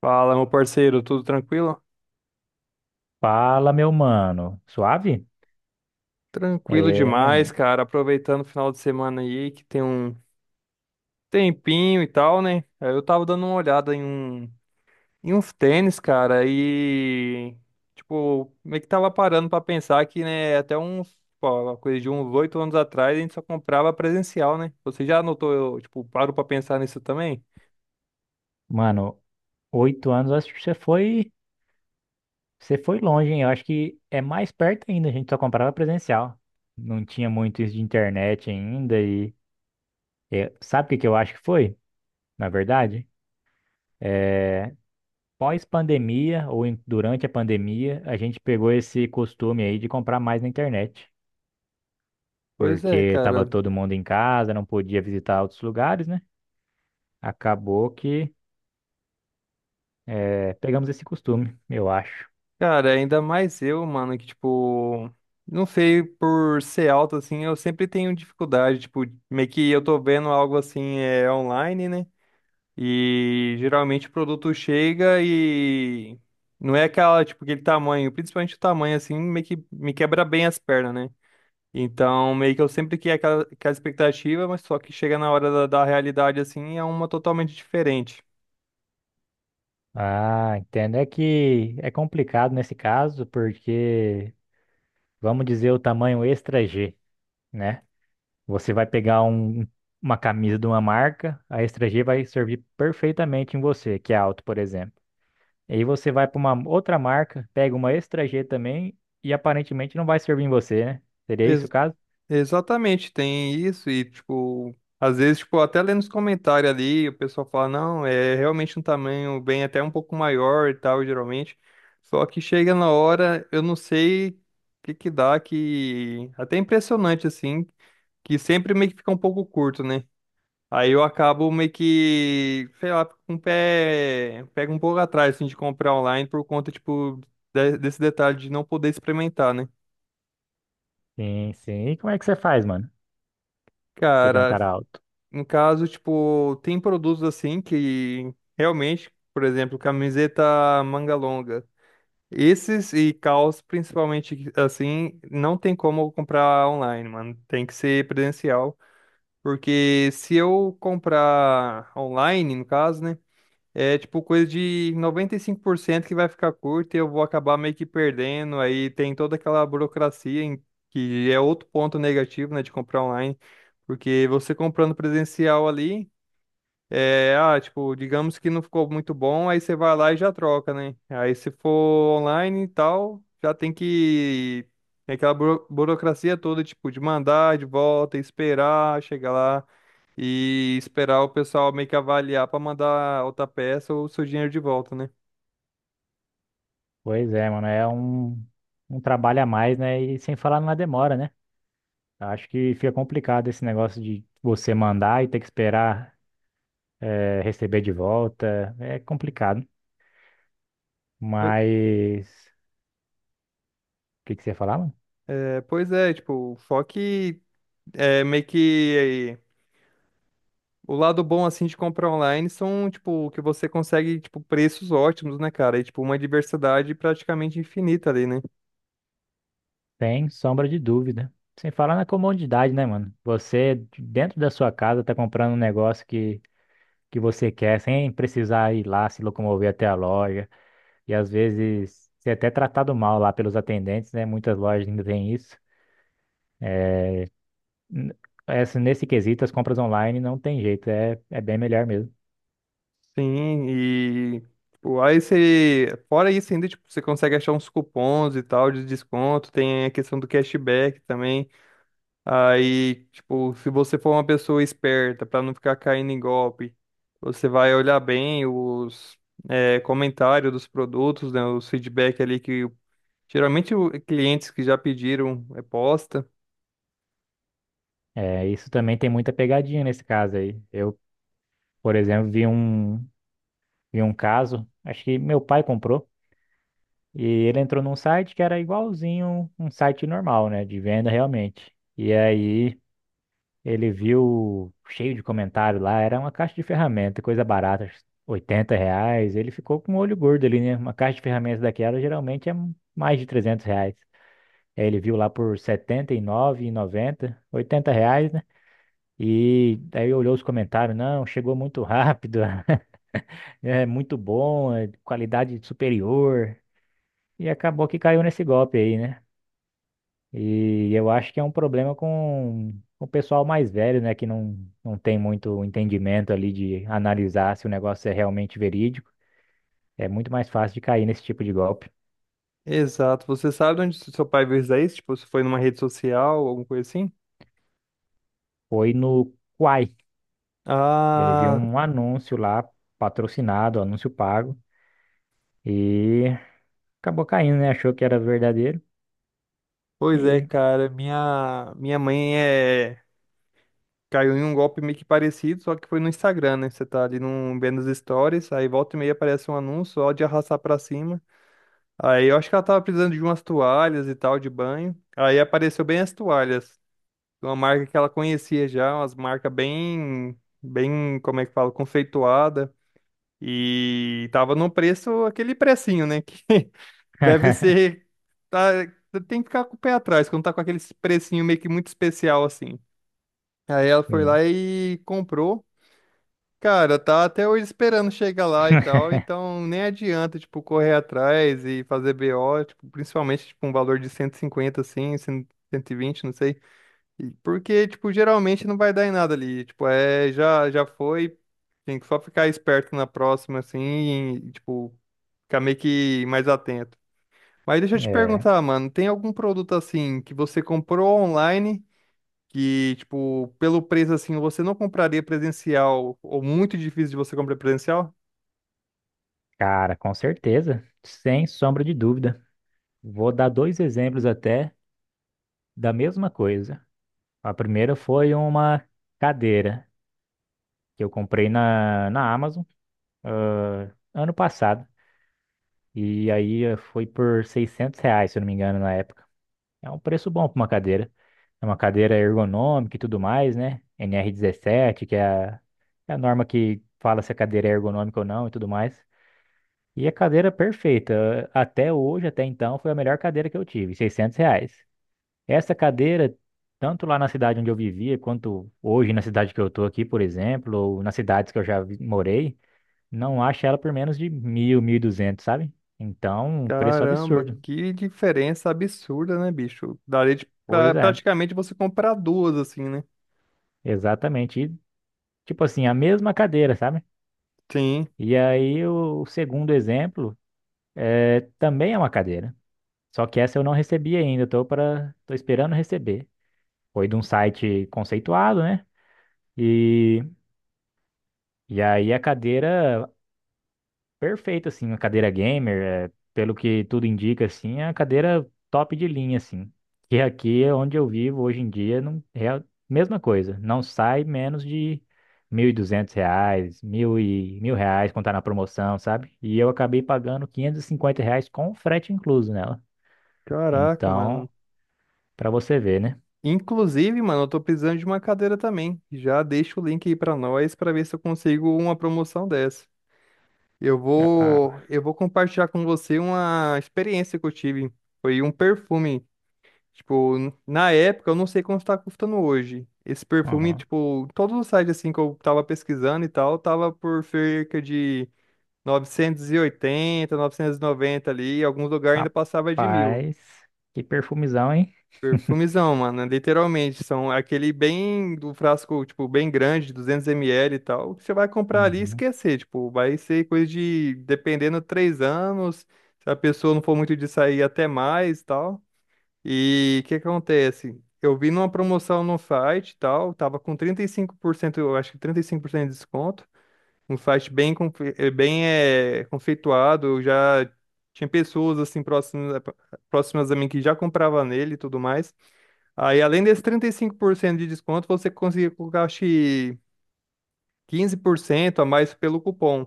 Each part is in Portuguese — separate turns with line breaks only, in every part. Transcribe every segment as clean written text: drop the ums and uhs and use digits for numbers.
Fala, meu parceiro, tudo tranquilo?
Fala, meu mano. Suave?
Tranquilo
É,
demais,
maninho.
cara. Aproveitando o final de semana aí, que tem um tempinho e tal, né? Aí eu tava dando uma olhada em uns tênis, cara, e tipo, meio que tava parando pra pensar que, né, até uns, pô, uma coisa de uns oito anos atrás a gente só comprava presencial, né? Você já notou, eu, tipo, paro pra pensar nisso também?
Mano, oito anos, eu acho que você foi longe, hein? Eu acho que é mais perto ainda, a gente só comprava presencial. Não tinha muito isso de internet ainda e sabe o que que eu acho que foi, na verdade? É, pós-pandemia durante a pandemia, a gente pegou esse costume aí de comprar mais na internet.
Pois é,
Porque tava
cara.
todo mundo em casa, não podia visitar outros lugares, né? Acabou que pegamos esse costume, eu acho.
Cara, ainda mais eu, mano, que tipo, não sei, por ser alto assim, eu sempre tenho dificuldade, tipo, meio que eu tô vendo algo assim é online, né? E geralmente o produto chega e não é aquela, tipo, aquele tamanho, principalmente o tamanho assim, meio que me quebra bem as pernas, né? Então, meio que eu sempre criei aquela expectativa, mas só que chega na hora da realidade assim, é uma totalmente diferente.
Ah, entendo. É que é complicado nesse caso, porque vamos dizer o tamanho extra G, né? Você vai pegar um- Uma camisa de uma marca, a extra G vai servir perfeitamente em você, que é alto, por exemplo. E aí você vai para uma outra marca, pega uma extra G também e aparentemente não vai servir em você, né? Seria isso o caso?
Exatamente, tem isso e, tipo, às vezes, tipo, até lendo os comentários ali, o pessoal fala, não, é realmente um tamanho bem até um pouco maior e tal, geralmente. Só que chega na hora, eu não sei o que que dá, que até é impressionante, assim, que sempre meio que fica um pouco curto, né? Aí eu acabo meio que, sei lá, fico com o pé, pego um pouco atrás, assim, de comprar online por conta, tipo, desse detalhe de não poder experimentar, né?
Sim, sim. E como é que você faz, mano? Você que é um cara
Cara,
alto.
no caso, tipo, tem produtos assim que realmente, por exemplo, camiseta manga longa. Esses e calças, principalmente assim, não tem como comprar online, mano. Tem que ser presencial. Porque se eu comprar online, no caso, né? É tipo coisa de 95% que vai ficar curta e eu vou acabar meio que perdendo. Aí tem toda aquela burocracia, que é outro ponto negativo, né, de comprar online. Porque você comprando presencial ali. É, ah, tipo, digamos que não ficou muito bom, aí você vai lá e já troca, né? Aí se for online e tal, já tem que. Tem aquela burocracia toda, tipo, de mandar de volta, esperar, chegar lá e esperar o pessoal meio que avaliar pra mandar outra peça ou o seu dinheiro de volta, né?
Pois é, mano, é um trabalho a mais, né? E sem falar na demora, né? Acho que fica complicado esse negócio de você mandar e ter que esperar receber de volta. É complicado.
Oi.
Mas o que que você ia falar, mano?
É, pois é, tipo, só que é meio que. O lado bom, assim, de comprar online são, tipo, que você consegue, tipo, preços ótimos, né, cara? E, tipo, uma diversidade praticamente infinita ali, né?
Sem sombra de dúvida. Sem falar na comodidade, né, mano? Você, dentro da sua casa, tá comprando um negócio que você quer, sem precisar ir lá se locomover até a loja. E às vezes, você é até tratado mal lá pelos atendentes, né? Muitas lojas ainda têm isso. N- Essa, nesse quesito, as compras online não tem jeito, é bem melhor mesmo.
Sim, e, tipo, aí você... Fora isso ainda, tipo, você consegue achar uns cupons e tal de desconto, tem a questão do cashback também. Aí, tipo, se você for uma pessoa esperta, pra não ficar caindo em golpe, você vai olhar bem os... é, comentário dos produtos, né, os feedback ali que geralmente, clientes que já pediram é posta.
É, isso também tem muita pegadinha nesse caso aí. Eu, por exemplo, vi um caso, acho que meu pai comprou, e ele entrou num site que era igualzinho um site normal, né, de venda realmente. E aí ele viu cheio de comentário lá, era uma caixa de ferramenta, coisa barata, acho que 80 reais. Ele ficou com o olho gordo ali, né? Uma caixa de ferramentas daquela geralmente é mais de 300 reais. Aí ele viu lá por 79, e noventa, 80 reais, né? E aí olhou os comentários, não, chegou muito rápido, é muito bom, é qualidade superior. E acabou que caiu nesse golpe aí, né? E eu acho que é um problema com o pessoal mais velho, né? Que não, não tem muito entendimento ali de analisar se o negócio é realmente verídico. É muito mais fácil de cair nesse tipo de golpe.
Exato. Você sabe onde seu pai viu isso aí? Tipo, se foi numa rede social, alguma coisa assim?
Foi no Quai. Ele viu
Ah,
um anúncio lá, patrocinado, anúncio pago. E acabou caindo, né? Achou que era verdadeiro.
pois é,
E.
cara. Minha mãe é... caiu em um golpe meio que parecido, só que foi no Instagram, né? Você tá ali num, vendo as stories, aí volta e meia aparece um anúncio só de arrastar pra cima. Aí eu acho que ela tava precisando de umas toalhas e tal, de banho. Aí apareceu bem as toalhas. Uma marca que ela conhecia já, umas marcas bem, bem, como é que fala, conceituada. E tava no preço, aquele precinho, né? Que deve ser. Tá, tem que ficar com o pé atrás, quando tá com aquele precinho meio que muito especial assim. Aí ela foi
Sim.
lá e comprou. Cara, tá até hoje esperando chegar lá e tal, então nem adianta, tipo, correr atrás e fazer BO, tipo, principalmente, tipo, um valor de 150 assim, 120 não sei. Porque, tipo, geralmente não vai dar em nada ali. Tipo, é, já, já foi. Tem que só ficar esperto na próxima, assim, e, tipo, ficar meio que mais atento. Mas deixa eu te
É,
perguntar, mano, tem algum produto assim que você comprou online que, tipo, pelo preço assim, você não compraria presencial ou muito difícil de você comprar presencial?
cara, com certeza. Sem sombra de dúvida. Vou dar dois exemplos até da mesma coisa. A primeira foi uma cadeira que eu comprei na Amazon, ano passado. E aí foi por 600 reais, se eu não me engano, na época. É um preço bom para uma cadeira. É uma cadeira ergonômica e tudo mais, né? NR 17, é a norma que fala se a cadeira é ergonômica ou não e tudo mais. E a cadeira perfeita, até hoje, até então, foi a melhor cadeira que eu tive, 600 reais. Essa cadeira, tanto lá na cidade onde eu vivia, quanto hoje na cidade que eu tô aqui, por exemplo, ou nas cidades que eu morei, não acho ela por menos de mil, 1.200, sabe? Então, um preço
Caramba,
absurdo.
que diferença absurda, né, bicho? Daria de, pra,
Pois é,
praticamente você comprar duas, assim, né?
exatamente. E, tipo assim, a mesma cadeira, sabe?
Sim.
E aí o segundo exemplo também é uma cadeira. Só que essa eu não recebi ainda, tô esperando receber. Foi de um site conceituado, né? E, e aí a cadeira perfeito, assim, uma cadeira gamer, pelo que tudo indica, assim, é uma cadeira top de linha, assim. E aqui é onde eu vivo hoje em dia não é a mesma coisa. Não sai menos de 1.200 reais, 1.000 reais quando tá na promoção, sabe? E eu acabei pagando 550 reais com frete incluso nela.
Caraca,
Então,
mano.
pra você ver, né?
Inclusive, mano, eu tô precisando de uma cadeira também. Já deixa o link aí pra nós pra ver se eu consigo uma promoção dessa. Eu
Ah,
vou, eu vou compartilhar com você uma experiência que eu tive. Foi um perfume. Tipo, na época, eu não sei quanto tá custando hoje. Esse perfume,
aham.
tipo, todos os sites assim que eu tava pesquisando e tal, tava por cerca de novecentos e 990 ali, e alguns lugares ainda passava de mil.
Rapaz, que perfumizão, hein?
Perfumizão, mano, literalmente, são aquele bem do frasco, tipo, bem grande, 200 ml e tal, que você vai comprar ali e
Uhum.
esquecer, tipo, vai ser coisa de, dependendo, 3 anos, se a pessoa não for muito de sair, até mais e tal. E o que acontece? Eu vi numa promoção no site e tal, tava com 35%, eu acho que 35% de desconto, um site bem, bem conceituado. Eu já tinha pessoas assim próximas, próximas a mim que já comprava nele e tudo mais. Aí, além desse 35% de desconto, você conseguia colocar, acho que 15% a mais pelo cupom.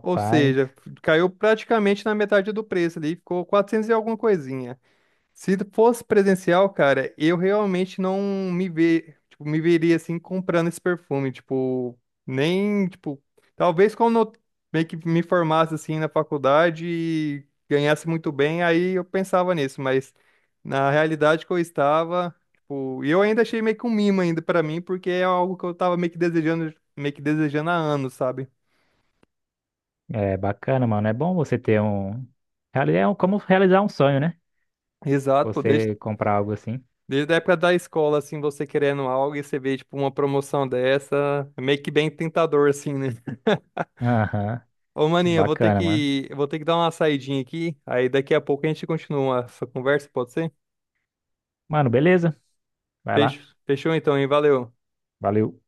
Ou seja, caiu praticamente na metade do preço ali, ficou 400 e alguma coisinha. Se fosse presencial, cara, eu realmente não me ve... tipo, me veria assim comprando esse perfume, tipo, nem, tipo, talvez quando eu meio que me formasse assim na faculdade e ganhasse muito bem, aí eu pensava nisso, mas na realidade que eu estava, tipo, e eu ainda achei meio que um mimo ainda pra mim, porque é algo que eu tava meio que desejando há anos, sabe?
É bacana, mano. É bom você ter um. É um como realizar um sonho, né?
Exato, pô, desde
Você comprar algo assim.
desde a época da escola, assim, você querendo algo e você vê, tipo, uma promoção dessa, é meio que bem tentador, assim, né?
Aham.
Ô, maninho, eu vou ter
Bacana, mano.
que, eu vou ter que dar uma saidinha aqui, aí daqui a pouco a gente continua essa conversa, pode ser?
Mano, beleza. Vai lá.
Fechou então, hein? Valeu.
Valeu.